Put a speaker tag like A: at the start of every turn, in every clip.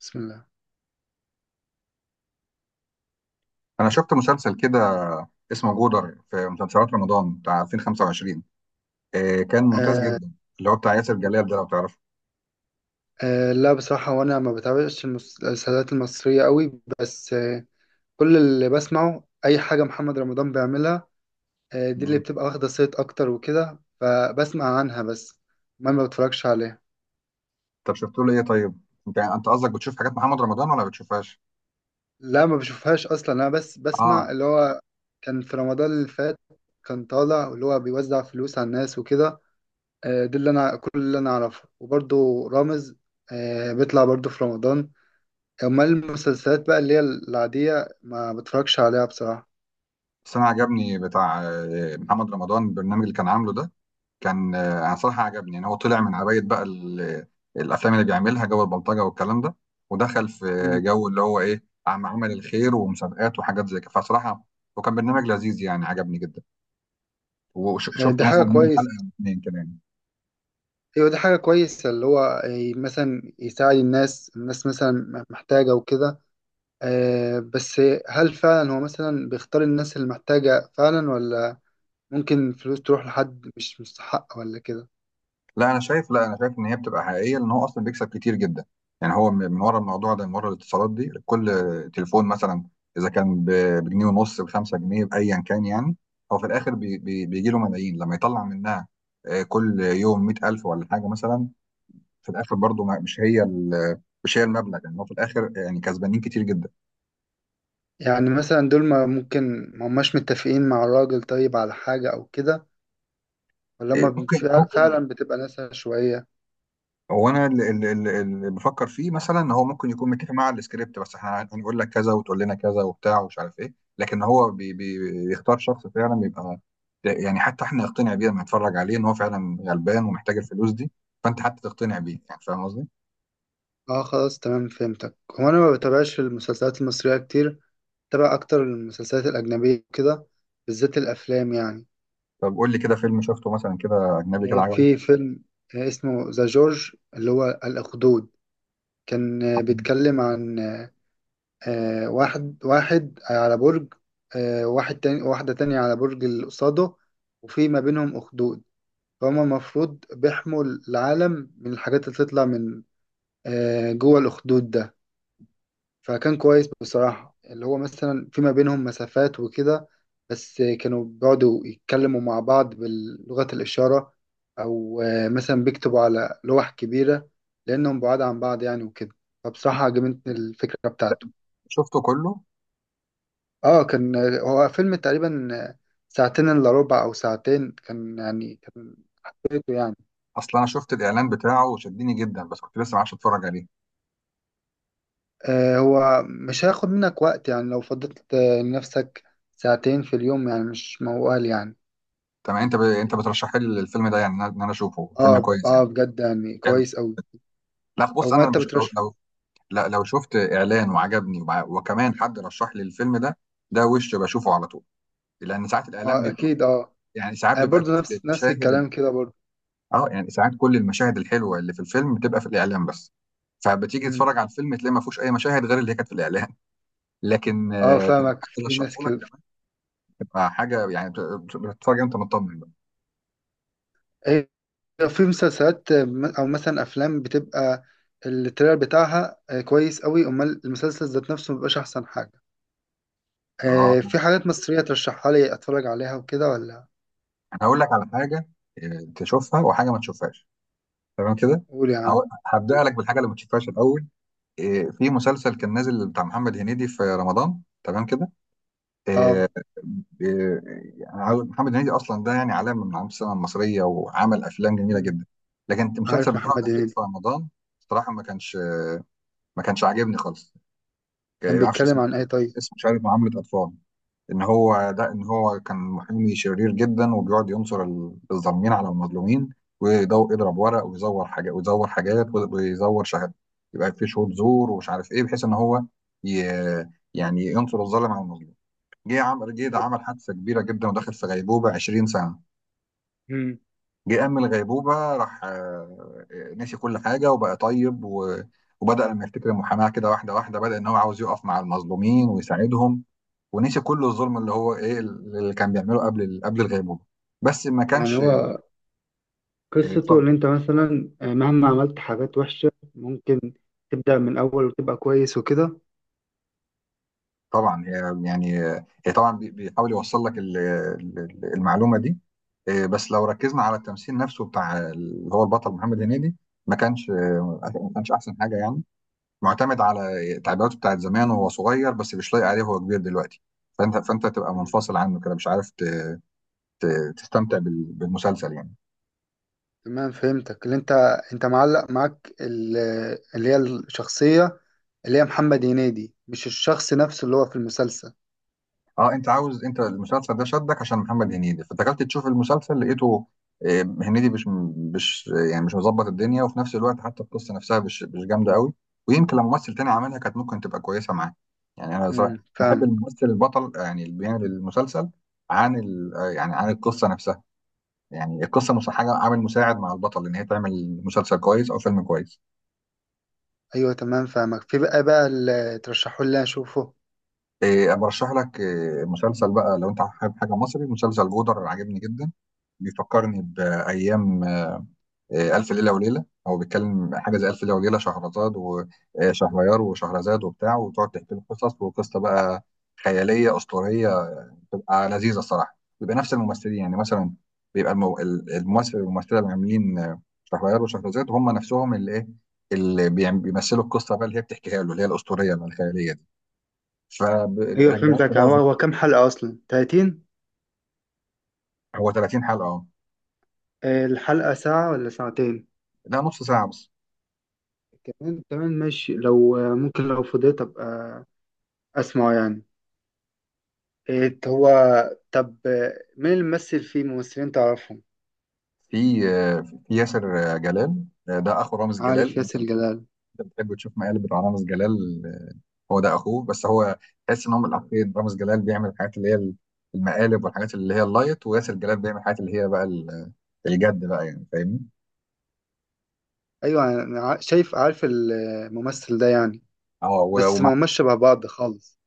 A: بسم الله.
B: انا شفت مسلسل كده اسمه جودر في مسلسلات رمضان بتاع 2025. إيه كان ممتاز
A: آه
B: جدا، اللي هو بتاع ياسر جلال ده لو تعرفه.
A: لا بصراحة، وانا ما بتابعش المسلسلات المصرية قوي، بس كل اللي بسمعه اي حاجة محمد رمضان بيعملها. آه، دي اللي
B: مم.
A: بتبقى واخدة صيت اكتر وكده، فبسمع عنها بس. ما بتفرجش عليها.
B: طب شفت له ايه طيب؟ انت يعني، انت قصدك بتشوف حاجات محمد رمضان ولا بتشوفهاش؟
A: لا ما بشوفهاش اصلا، انا بس
B: اه،
A: بسمع اللي هو كان في رمضان اللي فات، كان طالع اللي هو بيوزع فلوس على الناس وكده. آه دي اللي انا، كل اللي انا اعرفه. وبرضه رامز آه بيطلع برضه في رمضان. امال المسلسلات بقى اللي هي العادية ما بتفرجش عليها بصراحة.
B: بس انا عجبني بتاع محمد رمضان، البرنامج اللي كان عامله ده. كان انا صراحه عجبني ان هو طلع من عبايه بقى الافلام اللي بيعملها جو البلطجه والكلام ده، ودخل في
A: مم.
B: جو اللي هو ايه عمل الخير ومسابقات وحاجات زي كده. فصراحه وكان برنامج لذيذ يعني، عجبني جدا،
A: آه،
B: وشفت
A: دي حاجة
B: مثلا منه
A: كويسة.
B: حلقه او اتنين كمان.
A: ايوه دي حاجة كويسة، اللي هو مثلا يساعد الناس مثلا محتاجة وكده. آه، بس هل فعلا هو مثلا بيختار الناس اللي محتاجة فعلا، ولا ممكن الفلوس تروح لحد مش مستحق ولا كده؟
B: لا انا شايف ان هي بتبقى حقيقيه، لان هو اصلا بيكسب كتير جدا. يعني هو من ورا الموضوع ده، من ورا الاتصالات دي، كل تليفون مثلا اذا كان بجنيه ونص، بخمسة جنيه بايا كان يعني، هو في الاخر بي بي بيجي له ملايين لما يطلع منها. آه، كل يوم 100,000 ولا حاجه مثلا. في الاخر برضه مش هي مش هي المبلغ، يعني هو في الاخر يعني كسبانين كتير جدا.
A: يعني مثلا دول، ما ممكن ما هماش متفقين مع الراجل طيب على حاجة او كده؟ ولا
B: آه،
A: هما
B: ممكن.
A: فعلا بتبقى ناس عشوائية؟
B: هو انا اللي بفكر فيه مثلا ان هو ممكن يكون متفق مع السكريبت، بس احنا هنقول لك كذا وتقول لنا كذا وبتاع ومش عارف ايه، لكن هو بي بي بيختار شخص فعلا بيبقى يعني حتى احنا نقتنع بيه لما نتفرج عليه ان هو فعلا غلبان ومحتاج الفلوس دي. فانت حتى تقتنع بيه، يعني فاهم قصدي؟
A: اه خلاص تمام فهمتك. هو انا ما بتابعش المسلسلات المصرية كتير، بتابع اكتر المسلسلات الاجنبية كده، بالذات الافلام يعني.
B: طب قول لي كده فيلم شفته مثلا كده اجنبي كده
A: آه،
B: عجبك.
A: في فيلم آه، اسمه ذا جورج، اللي هو الاخدود. كان بيتكلم عن واحد واحد على برج، آه، واحد تاني، واحدة تانية على برج اللي قصاده، وفي ما بينهم اخدود، فهما المفروض بيحموا العالم من الحاجات اللي تطلع من جوه الاخدود ده. فكان كويس بصراحة، اللي هو مثلا فيما بينهم مسافات وكده، بس كانوا بيقعدوا يتكلموا مع بعض بلغة الإشارة، أو مثلا بيكتبوا على لوح كبيرة، لأنهم بعاد عن بعض يعني وكده. فبصراحة عجبتني الفكرة بتاعته.
B: شفته كله؟
A: اه، كان آه، هو فيلم تقريبا ساعتين إلا ربع أو ساعتين، كان يعني كان حبيته يعني.
B: اصلا انا شفت الاعلان بتاعه وشدني جدا، بس كنت لسه ما عرفش اتفرج عليه.
A: آه، هو مش هياخد منك وقت يعني، لو فضلت لنفسك ساعتين في اليوم، يعني مش موال يعني.
B: تمام، انت انت بترشح لي الفيلم ده يعني، ان انا إن أنا اشوفه فيلم
A: اه
B: كويس
A: اه،
B: يعني.
A: بجد يعني
B: حلو.
A: كويس أوي.
B: لا
A: او
B: بص
A: ما
B: انا
A: انت
B: مش...
A: بترش
B: لو، لا لو شفت اعلان وعجبني وكمان حد رشح لي الفيلم ده، ده وش بشوفه على طول. لان ساعات الاعلان
A: آه
B: بيبقى
A: اكيد اه.
B: يعني ساعات
A: انا
B: بيبقى
A: برضو
B: كل
A: نفس نفس
B: المشاهد
A: الكلام كده برضو.
B: اه، يعني ساعات كل المشاهد الحلوه اللي في الفيلم بتبقى في الاعلان بس، فبتيجي
A: امم،
B: تتفرج على الفيلم تلاقي ما فيهوش اي مشاهد غير اللي هي كانت في الاعلان. لكن
A: اه
B: آه، لو
A: فاهمك،
B: حد
A: في
B: رشحه
A: ناس
B: لك
A: كده.
B: كمان تبقى حاجه يعني بتتفرج انت مطمن بقى.
A: هي في مسلسلات آه، او مثلا افلام بتبقى التريلر بتاعها آه، كويس أوي، امال المسلسل ذات نفسه مبيبقاش احسن حاجة.
B: اه
A: آه، في حاجات مصرية ترشحها لي اتفرج عليها وكده ولا؟
B: انا هقول لك على حاجه، آه، تشوفها وحاجه ما تشوفهاش، تمام كده.
A: قول يا عم. قول.
B: هبدأ لك بالحاجه اللي ما تشوفهاش الاول. إيه، في مسلسل كان نازل بتاع محمد هنيدي في رمضان تمام كده.
A: اه.
B: إيه، إيه، يعني محمد هنيدي اصلا ده يعني علامه من علامات السينما المصريه وعمل افلام جميله
A: مم.
B: جدا، لكن المسلسل
A: عارف
B: بتاعه
A: محمد
B: الاخير
A: هنيدي.
B: في رمضان صراحه ما كانش عاجبني خالص.
A: كان
B: ما اعرفش
A: بيتكلم
B: اسمه،
A: عن ايه طيب؟
B: اسمه مش عارف معامله اطفال. ان هو ده، ان هو كان محامي شرير جدا وبيقعد ينصر الظالمين على المظلومين، يضرب ورق ويزور حاجات ويزور شهادات، يبقى في شهود زور ومش عارف ايه، بحيث ان هو ي... يعني ينصر الظالم على المظلوم. جه ده
A: طيب.
B: عمل حادثه كبيره جدا ودخل في غيبوبه 20 سنه.
A: مم.
B: جه قام من الغيبوبه، راح نسي كل حاجه وبقى طيب وبدأ لما يفتكر المحاماة كده واحدة واحدة، بدأ إن هو عاوز يقف مع المظلومين ويساعدهم، ونسي كل الظلم اللي هو ايه اللي كان بيعمله قبل قبل الغيبوبه. بس ما
A: يعني
B: كانش،
A: هو
B: آه،
A: قصته
B: اتفضل.
A: اللي انت مثلا آه، مهما عملت حاجات وحشة ممكن تبدأ من الأول وتبقى كويس وكده؟
B: طبعا هي يعني آه، هي طبعا بيحاول يوصل لك المعلومه دي. إيه، بس لو ركزنا على التمثيل نفسه بتاع اللي هو البطل محمد هنيدي، ما كانش آه، ما كانش احسن حاجه يعني، معتمد على تعبيراته بتاعت زمان وهو صغير، بس مش لايق عليه وهو كبير دلوقتي. فانت تبقى
A: مم.
B: منفصل عنه كده، مش عارف تستمتع بالمسلسل يعني.
A: تمام فهمتك، اللي انت انت معلق معاك اللي هي الشخصية، اللي هي محمد هنيدي، مش الشخص نفسه اللي هو في المسلسل.
B: اه انت عاوز، انت المسلسل ده شدك عشان محمد هنيدي، فدخلت تشوف المسلسل لقيته آه، هنيدي مش يعني مش مظبط الدنيا، وفي نفس الوقت حتى القصه نفسها مش جامده قوي. ويمكن لو ممثل تاني عملها كانت ممكن تبقى كويسه معاه. يعني انا صراحة بحب
A: فاهمك.
B: الممثل البطل آه، يعني اللي بيعمل المسلسل عن آه، يعني عن القصه نفسها. يعني القصه مش حاجه عامل مساعد مع البطل ان هي تعمل مسلسل كويس او فيلم كويس.
A: ايوه تمام فاهمك. في بقى بقى اللي ترشحوا لي اشوفه؟
B: آه، برشح لك آه، مسلسل بقى لو انت حابب حاجه مصري، مسلسل جودر عاجبني جدا، بيفكرني بايام آه، ألف ليلة وليلة. هو بيتكلم حاجة زي ألف ليلة وليلة، شهرزاد وشهريار، وشهرزاد وبتاع وتقعد تحكي له قصص، وقصة بقى خيالية أسطورية بتبقى لذيذة الصراحة. بيبقى نفس الممثلين يعني، مثلا بيبقى الممثل والممثلة اللي عاملين آه، شهريار وشهرزاد هم نفسهم اللي إيه اللي بيمثلوا القصة بقى اللي هي بتحكيها له، اللي هي الأسطورية اللي الخيالية دي.
A: ايوه
B: فرجعت لي
A: فهمتك.
B: بقى.
A: هو كام حلقة أصلا؟ 30؟
B: هو 30 حلقة أه.
A: آه، الحلقة ساعة ولا ساعتين؟
B: لا نص ساعة بس.
A: كمان تمام ماشي. لو آه، ممكن لو فضيت أبقى أسمعه يعني. إيه هو؟ طب مين اللي ممثل فيه؟ ممثلين تعرفهم؟
B: في آه، في ياسر آه، جلال آه، ده أخو رامز
A: عارف
B: جلال. انت
A: ياسر جلال.
B: بتحب تشوف مقالب رامز جلال، هو ده اخوه، بس هو تحس ان هم الاخين، رامز جلال بيعمل الحاجات اللي هي المقالب والحاجات اللي هي اللايت، وياسر جلال بيعمل الحاجات اللي هي بقى الجد بقى يعني، فاهمني.
A: ايوه أنا شايف، عارف الممثل ده يعني.
B: اه
A: بس
B: ومع،
A: ما هماش شبه بعض خالص.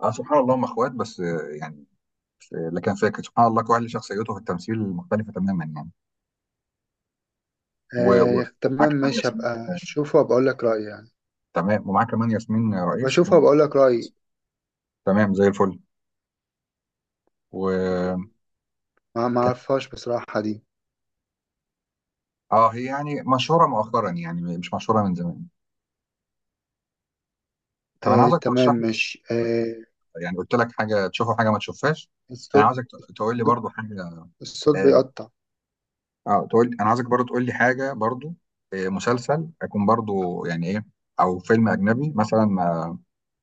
B: اه سبحان الله هم اخوات، بس آه، يعني آه، لكن فاكر سبحان الله كل واحد له شخصيته في التمثيل مختلفه تماما يعني.
A: آه
B: ومعاه
A: تمام
B: كمان
A: ماشي،
B: ياسمين،
A: هبقى اشوفه وبقول لك رأيي يعني.
B: تمام، ومعاه كمان ياسمين
A: هبقى
B: رئيس.
A: اشوفه وبقول لك رأيي.
B: تمام زي الفل. و،
A: ما ما اعرفهاش بصراحة دي.
B: اه هي يعني مشهوره مؤخرا يعني، مش مشهوره من زمان. طب انا
A: آه
B: عاوزك
A: تمام
B: ترشح لي،
A: ماشي آه.
B: يعني قلت لك حاجه تشوفها حاجه ما تشوفهاش. انا
A: الصوت
B: عاوزك تقول لي
A: الصوت
B: برضو حاجه.
A: الصوت
B: اه
A: بيقطع.
B: آه، تقول، انا عاوزك برضو تقول لي حاجه برضو، آه، مسلسل اكون برضو يعني ايه، او فيلم اجنبي مثلا ما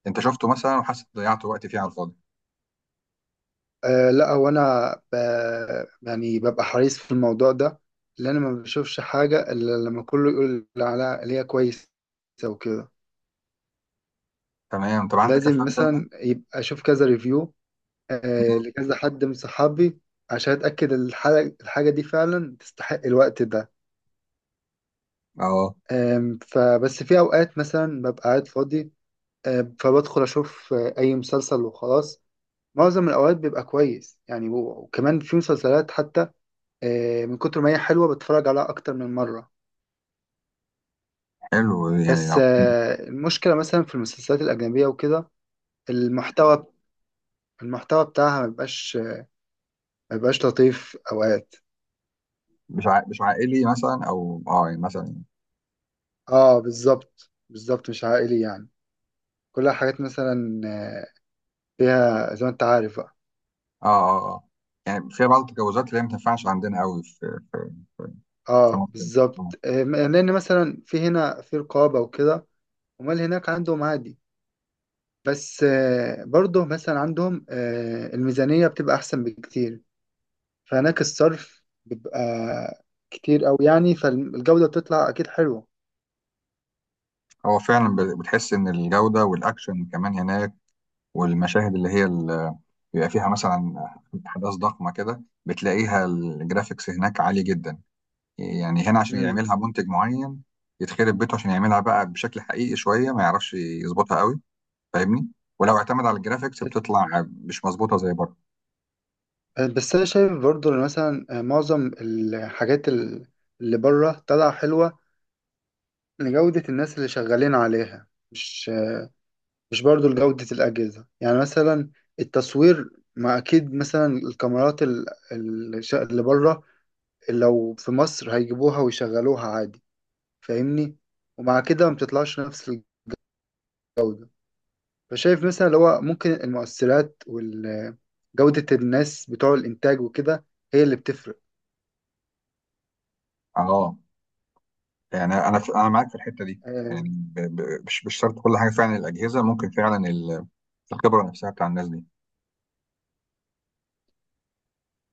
B: انت شفته مثلا وحاسس ضيعت وقت فيه على الفاضي.
A: آه لا هو يعني ببقى حريص في الموضوع ده، لان انا ما بشوفش حاجه الا لما كله يقول على اللي هي كويسه وكده.
B: تمام، طب عندك
A: لازم
B: افلام تانية؟
A: مثلا يبقى اشوف كذا ريفيو، آه
B: مم.
A: لكذا حد من صحابي، عشان اتاكد الحاجه، الحاجه دي فعلا تستحق الوقت ده.
B: اه
A: فبس في اوقات مثلا ببقى قاعد فاضي، آه فبدخل اشوف آه، اي مسلسل وخلاص. معظم الاوقات بيبقى كويس يعني، وكمان في مسلسلات حتى آه، من كتر ما هي حلوة بتفرج عليها أكتر من مرة.
B: حلو يعني
A: بس
B: لو
A: آه، المشكلة مثلا في المسلسلات الأجنبية وكده، المحتوى، المحتوى بتاعها ما بيبقاش، ما بيبقاش لطيف أوقات.
B: مش مش عائلي مثلا او اه يعني مثلا،
A: اه بالظبط، بالظبط مش عائلي يعني، كلها حاجات مثلا آه، فيها زي ما انت عارف بقى.
B: اه اه اه يعني في بعض التجاوزات اللي هي ما تنفعش عندنا قوي في في
A: اه
B: مصر. آه.
A: بالظبط، آه، لأن مثلا في هنا في رقابة وكده. أمال هناك عندهم عادي. بس آه، برضه مثلا عندهم آه، الميزانية بتبقى أحسن بكتير، فهناك الصرف بيبقى كتير أوي يعني، فالجودة بتطلع أكيد حلوة.
B: هو فعلا بتحس ان الجوده والاكشن كمان هناك، والمشاهد اللي هي بيبقى فيها مثلا احداث ضخمه كده، بتلاقيها الجرافيكس هناك عالي جدا. يعني هنا عشان
A: مم.
B: يعملها منتج معين يتخرب بيته عشان يعملها بقى بشكل حقيقي شويه، ما يعرفش يظبطها قوي، فاهمني. ولو اعتمد على الجرافيكس
A: بس،
B: بتطلع مش مظبوطه زي بره.
A: بس أنا شايف برضو إن مثلا معظم الحاجات اللي بره طالعة حلوة لجودة الناس اللي شغالين عليها، مش، مش برضو لجودة الأجهزة. يعني مثلا التصوير، ما أكيد مثلا الكاميرات اللي بره، لو في مصر هيجيبوها ويشغلوها عادي، فاهمني، ومع كده ما بتطلعش نفس. فشايف مثلا اللي هو ممكن المؤثرات وجودة الناس بتوع الإنتاج وكده هي اللي بتفرق.
B: اه يعني انا معاك في الحته دي. يعني
A: آه،
B: مش شرط كل حاجه فعلا الاجهزه، ممكن فعلا الخبره نفسها بتاع الناس دي.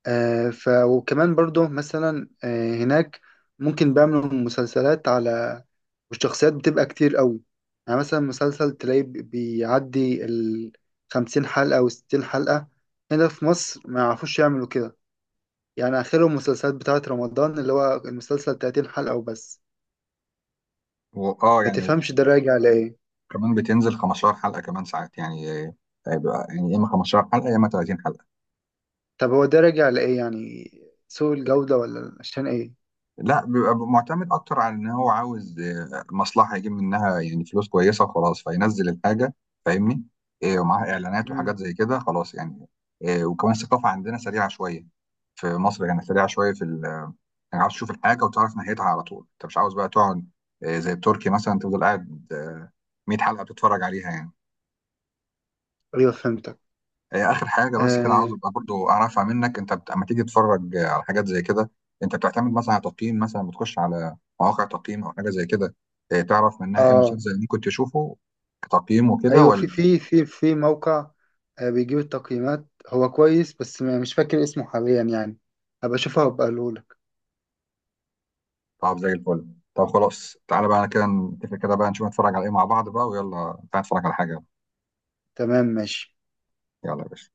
A: آه، ف وكمان برضو مثلا آه، هناك ممكن بيعملوا مسلسلات على، والشخصيات بتبقى كتير قوي. يعني مثلا مسلسل تلاقيه بيعدي ال 50 حلقة و 60 حلقة. هنا في مصر ما يعرفوش يعملوا كده، يعني آخرهم المسلسلات بتاعة رمضان اللي هو المسلسل 30 حلقة وبس.
B: واه
A: ما
B: يعني
A: تفهمش ده راجع لإيه؟
B: كمان بتنزل 15 حلقة كمان ساعات يعني آه، بيبقى يعني يا إما 15 حلقة يا إما 30 حلقة.
A: طب هو ده راجع لإيه يعني، سوء الجودة ولا عشان إيه؟
B: لا بيبقى معتمد أكتر على إن هو عاوز آه، مصلحة يجيب منها يعني فلوس كويسة وخلاص، فينزل الحاجة فاهمني. آه، ومعاها إعلانات
A: مم.
B: وحاجات زي كده خلاص يعني. آه، وكمان الثقافة عندنا سريعة شوية في مصر يعني، سريعة شوية في يعني عاوز تشوف الحاجة وتعرف نهايتها على طول، أنت مش عاوز بقى تقعد آه، زي التركي مثلا تفضل قاعد آه، 100 حلقة بتتفرج عليها يعني.
A: أيوه فهمتك.
B: هي اخر حاجه بس كده عاوز
A: آه,
B: ابقى برضو اعرفها منك، انت لما تيجي تتفرج آه، على حاجات زي كده انت بتعتمد مثلا على تقييم، مثلا بتخش على مواقع تقييم او حاجه زي كده، إيه، تعرف منها ايه
A: آه
B: مسلسل ممكن تشوفه كتقييم وكده
A: أيوه، في،
B: ولا؟
A: في، في، في موقع آه بيجيب التقييمات، هو كويس، بس مش فاكر اسمه حاليا يعني. هبقى أشوفه وأبقى أقولهولك.
B: طب زي الفل. طب خلاص تعالى بقى كده نتفق كده بقى نشوف نتفرج على ايه مع بعض بقى، ويلا تعالى نتفرج على حاجه.
A: تمام ماشي.
B: يلا يا باشا.